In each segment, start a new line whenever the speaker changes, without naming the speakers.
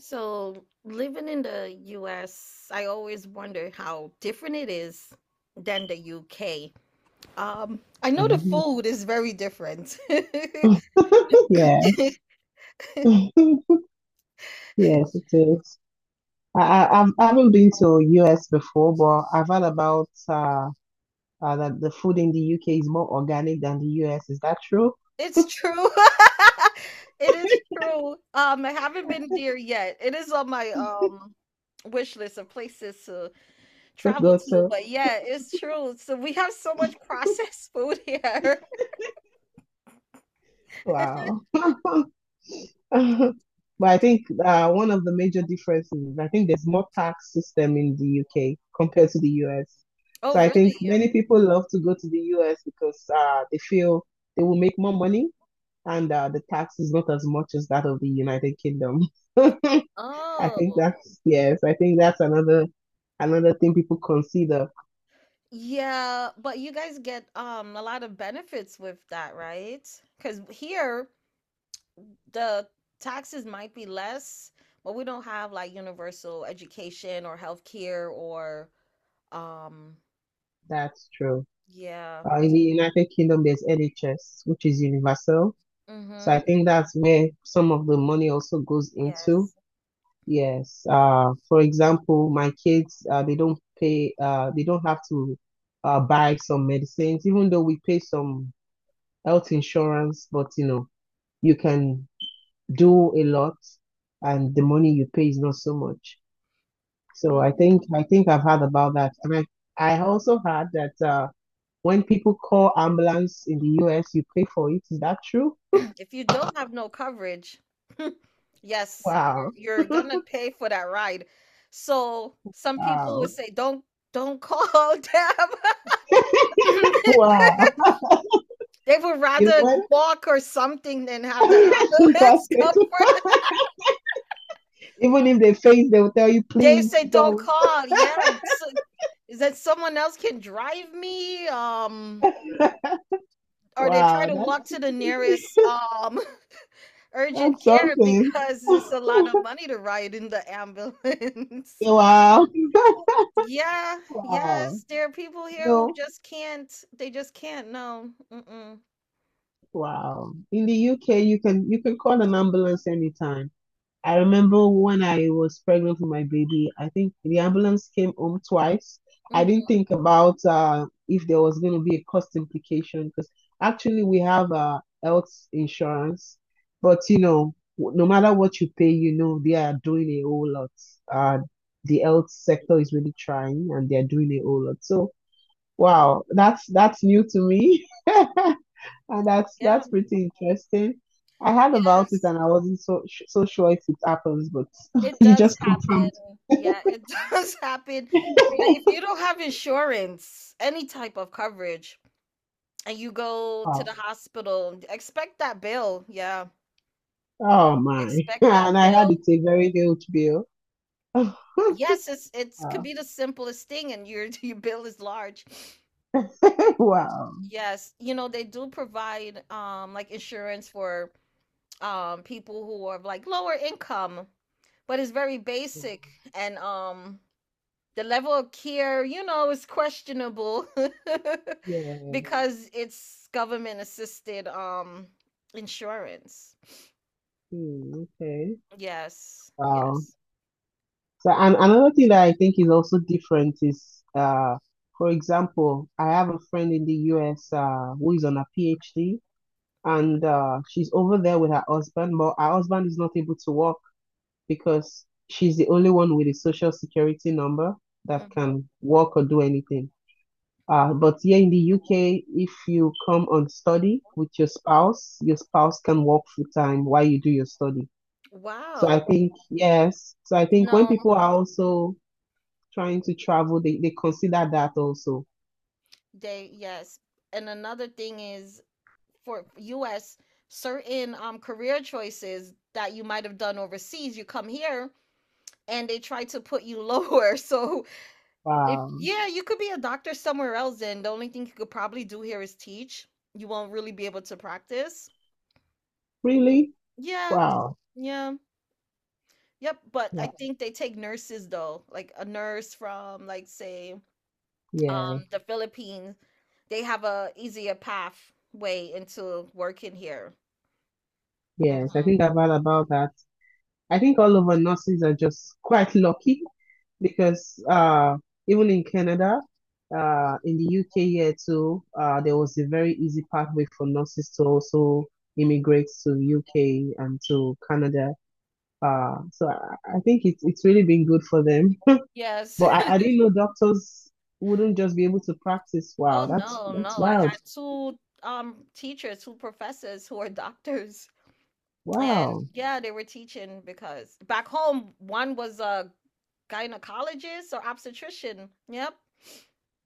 So, living in the US, I always wonder how different it is than the UK. I know the
Mhm.
food is very different.
Yes. Yes, it is. I haven't been to US before, but I've heard about that the food in the UK is more organic than the US. Is that true?
It's true. It is true. I haven't been there yet. It is on my wish list of places to
To
travel
go
to,
to,
but yeah, it's true. So we have so much processed food here.
wow. But I think one of the major differences is I think there's more tax system in the UK compared to the US. So
Oh,
I think
really?
many people love to go to the US because they feel they will make more money and the tax is not as much as that of the United Kingdom. I
Oh.
I think that's another thing people consider.
Yeah, but you guys get a lot of benefits with that, right? Because here the taxes might be less, but we don't have like universal education or healthcare or um
That's true.
yeah.
In the United Kingdom, there's NHS, which is universal. So I
Mm-hmm.
think that's where some of the money also goes into.
Yes.
Yes. For example, my kids, they don't have to buy some medicines, even though we pay some health insurance, but you can do a lot and the money you pay is not so much. So
Mm,
I think I've heard about that. And I also heard that when people call ambulance in the US, you pay for it. Is that true?
if you don't have no coverage, yes, you're
Wow.
you're gonna pay for that ride. So some people
Wow.
would say, don't call them.
Wow.
They would
You know
rather
what?
walk or something than have the
It's
ambulance come
impossible.
for them.
Even if they faint, they will tell you,
They
please
say don't
don't.
call. Yeah, so, is that someone else can drive me? Or they try
Wow,
to walk
that's
to the nearest urgent
that's
care
something.
because it's a lot of money to ride in the ambulance.
Wow.
Yeah,
Wow.
yes, there are people
You
here who
know,
just can't. They just can't. No. Mm-mm.
wow. In the UK, you can call an ambulance anytime. I remember when I was pregnant with my baby, I think the ambulance came home twice. I didn't
Hmm.
think about if there was going to be a cost implication because actually we have health insurance, but no matter what you pay, you know they are doing a whole lot. Uh, the health sector is really trying, and they are doing a whole lot. So wow, that's new to me. And that's
Yeah.
that's pretty interesting. I heard about it
Yes.
and I wasn't so sure if it happens, but
It
you
does
just confirmed.
happen. Yeah, it does happen. Like, if you don't have insurance, any type of coverage, and you go to the
Wow.
hospital, expect that bill. Yeah,
Oh my.
expect that
And I had
bill.
it's a very huge bill.
Yes, it's could
Wow.
be the simplest thing, and your your bill is large.
Wow.
Yes, you know, they do provide like insurance for people who are of, like, lower income, but it's very basic and the level of care, you know, is questionable
Yes.
because it's government assisted insurance.
Hmm, okay.
Yes.
Wow.
Yes.
So and another thing that I think is also different is for example, I have a friend in the US who is on a PhD and she's over there with her husband, but her husband is not able to work because she's the only one with a social security number that
Hmm.
can work or do anything. But here in the UK, if you come on study with your spouse can work full time while you do your study. So I
Wow.
think, yes. So I think when
No,
people are also trying to travel, they consider that also.
they yes. And another thing is for US certain career choices that you might have done overseas, you come here and they try to put you lower. So if
Wow.
yeah, you could be a doctor somewhere else, and the only thing you could probably do here is teach. You won't really be able to practice.
Really?
Yeah,
Wow.
yeah, yep. But I
Wow.
think they take nurses though, like a nurse from, like, say,
Yeah.
the Philippines. They have a easier pathway into working here.
Yes. I think
Mhm.
I've heard about that. I think all of our nurses are just quite lucky because even in Canada, in the UK here too, there was a very easy pathway for nurses to also immigrate to UK and to Canada. So I think it's really been good for them.
Yes.
But I, I didn't know doctors wouldn't just be able to practice.
Oh
Wow, that's
no,
that's
no. I
wild.
had two teachers, two professors who are doctors. And
Wow,
yeah, they were teaching because back home, one was a gynecologist or obstetrician. Yep.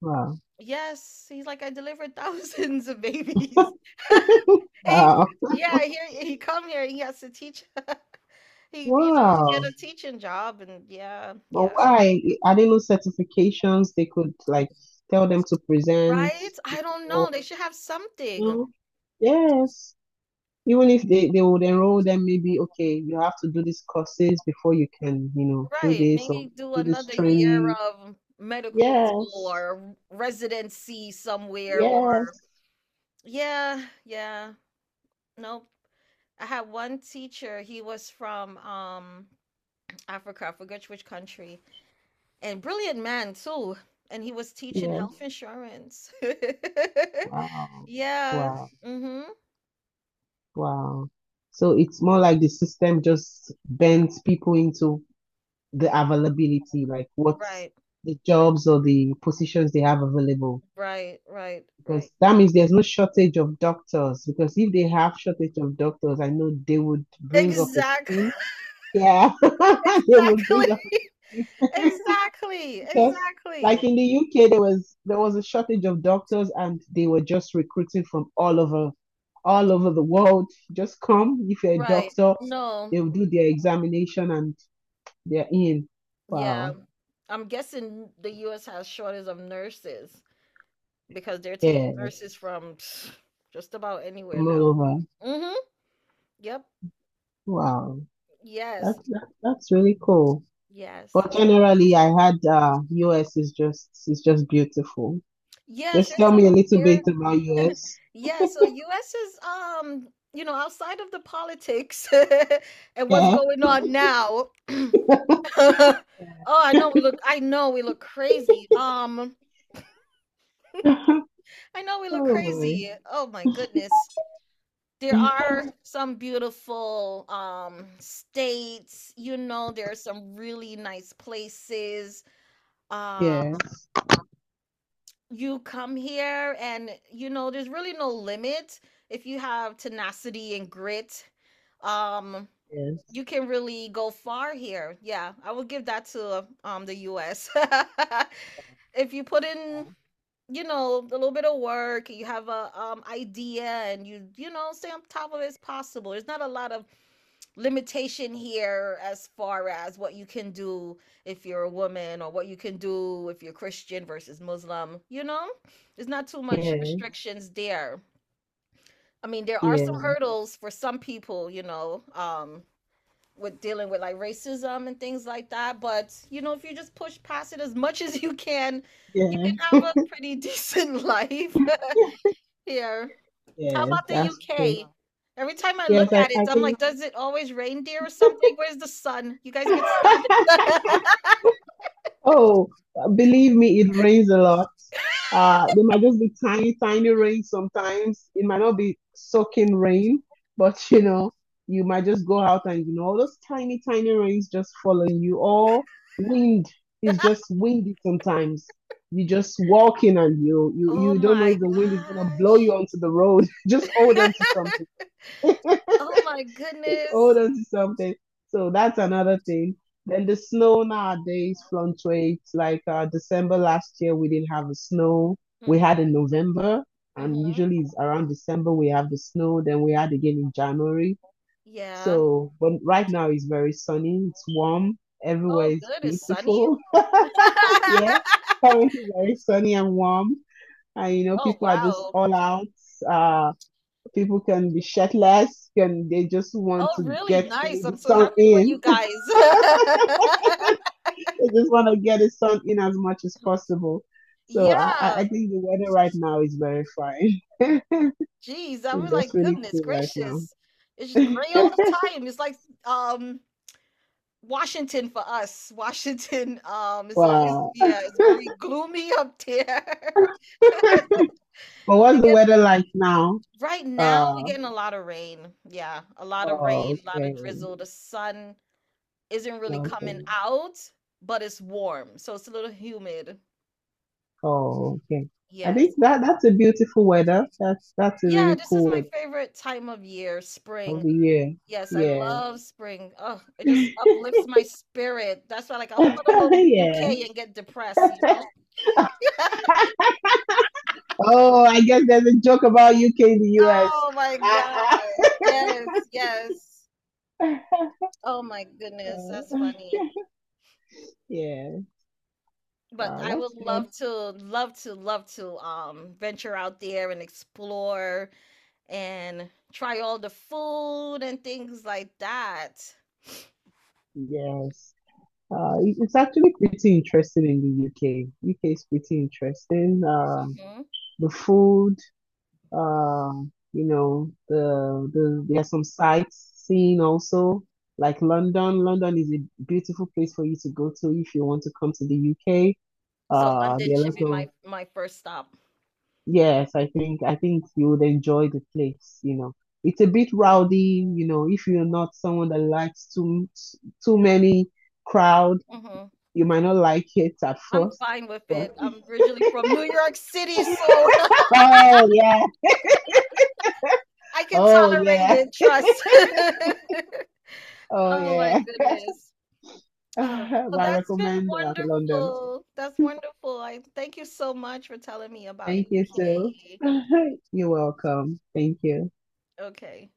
wow,
Yes. He's like, I delivered thousands of babies. He,
wow,
yeah, here he come here. He has to teach. He, you know, get
wow.
a teaching job and yeah,
But
yeah.
why? Are there no certifications they could like tell them to present
Right? I don't know.
before?
They should have something.
No. Yes. Even if they would enroll them, maybe, okay, you have to do these courses before you can, you know, do
Right.
this or
Maybe do
do this
another year
training.
of medical school
Yes.
or residency somewhere
Yes.
or yeah, yeah. Nope. I had one teacher. He was from Africa. I forget which country. And brilliant man too. And he was teaching
Yes.
health insurance.
Wow.
Yeah. Right.
Wow.
Mhm.
Wow. So it's more like the system just bends people into the availability, like what's
Right,
the jobs or the positions they have available,
right.
because that means there's no shortage of doctors. Because if they have shortage of doctors, I know they would bring up a
Exactly.
scheme. Yeah, they would
Exactly.
bring up a scheme.
Exactly.
Because like
Exactly.
in the UK, there was a shortage of doctors, and they were just recruiting from all over the world. Just come if you're a
Right.
doctor,
No.
they'll do their examination, and they're in.
Yeah.
Wow.
I'm guessing the US has shortage of nurses because they're taking
Yes,
nurses from pff, just about anywhere
from all
now.
over.
Mhm. Yep.
Wow. That,
Yes.
that that's really cool.
Yes.
But generally, I had US is just beautiful.
Yes,
Just
there's
tell
some
me a little
there
bit about US.
yeah, so US is you know, outside of the politics and what's
Yeah.
going on now. Oh,
Yeah.
I know we look crazy. I know we look
Oh boy.
crazy. Oh my goodness. There are some beautiful states, you know, there are some really nice places.
Yes.
Um, you come here and you know, there's really no limit if you have tenacity and grit. Um, you
Yes.
can really go far here. Yeah, I would give that to the US. If you put in, you know, a little bit of work, you have a idea and you know, stay on top of it, it's possible. There's not a lot of limitation here as far as what you can do if you're a woman or what you can do if you're Christian versus Muslim, you know? There's not too much Mhm.
Yeah.
restrictions there. I mean, there are some
Yeah.
hurdles for some people, you know, with dealing with like racism and things like that. But you know, if you just push past it as much as you
Yeah.
can have a pretty decent life here. How
Yeah.
about the
That's true.
UK? Every time I
Yes,
look
I,
at it,
I
I'm like,
think.
does it always reindeer or something? Where's the sun? You guys get sun?
Oh, believe me, it rains a lot. There might just be tiny, tiny rain sometimes. It might not be soaking rain, but you might just go out and all those tiny, tiny rains just following you. Or wind is just windy sometimes. You just walking and you you
Oh
you don't know
my
if the wind is gonna blow you
gosh.
onto the road. Just hold on to something,
Oh my
just hold
goodness.
on to something. So that's another thing. Then the snow nowadays fluctuates. Like December last year, we didn't have the snow. We had in
Hmm.
November, and
Hmm.
usually it's around December we have the snow. Then we had again in January.
Yeah.
So, but right now it's very sunny. It's warm. Everywhere
Oh,
is
good. It's sunny.
beautiful. Yeah, currently very sunny and warm. And you know,
Oh,
people are just
wow.
all out. Uh, People can be shirtless, can they just want
Oh,
to
really
get
nice.
the
I'm so
sun
happy for you
in?
guys.
They just want to get the sun in as much as possible. So I
Yeah.
think the weather right now is very fine.
Jeez, I was
That's
like,
really
goodness
cool right now.
gracious. It's just gray all the time. It's like um Washington for us. Washington is always
Wow.
yeah, it's very gloomy up there.
But
They
what's the
get
weather like now?
right now we're
Uh,
getting a lot of rain. Yeah, a lot of
oh,
rain, a lot
okay.
of drizzle. The sun isn't really coming
Okay.
out, but it's warm, so it's a little humid.
Oh, okay. I
Yes.
think that that's a beautiful weather. That's a
Yeah,
really
this is
cool
my
weather
favorite time of year,
of
spring.
the
Yes, I
year.
love spring. Oh, it just
Yeah.
uplifts my spirit. That's why, like, I hope I don't go to
Yeah.
UK and get depressed, you know?
Oh, I guess there's a joke about UK the US.
Oh my gosh. Yes, yes. Oh my goodness, that's
Uh,
funny.
yeah.
But
Wow,
I
that's
would
good.
love to, love to, love to venture out there and explore and try all the food and things like that.
Yes. It's actually pretty interesting in the UK. UK is pretty interesting.
Hmm.
The food, you know, the there are some sightseeing also, like London. London is a beautiful place for you to go to if you want to come to the UK.
So London
There are a
should
lot
be my
of.
my first stop.
Yes, I think you would enjoy the place, you know. It's a bit rowdy, you know, if you're not someone that likes too many crowd,
Hmm.
you might not like it at
I'm
first.
fine with
But
it. I'm originally from New York City, so
oh yeah,
I can
oh
tolerate
yeah,
it. Trust.
oh
Oh my
yeah.
goodness.
But
Oh, well,
I
that's been
recommend London.
wonderful. That's wonderful. I thank you so much for telling me about
Thank you too.
UK.
You're welcome. Thank you.
Okay.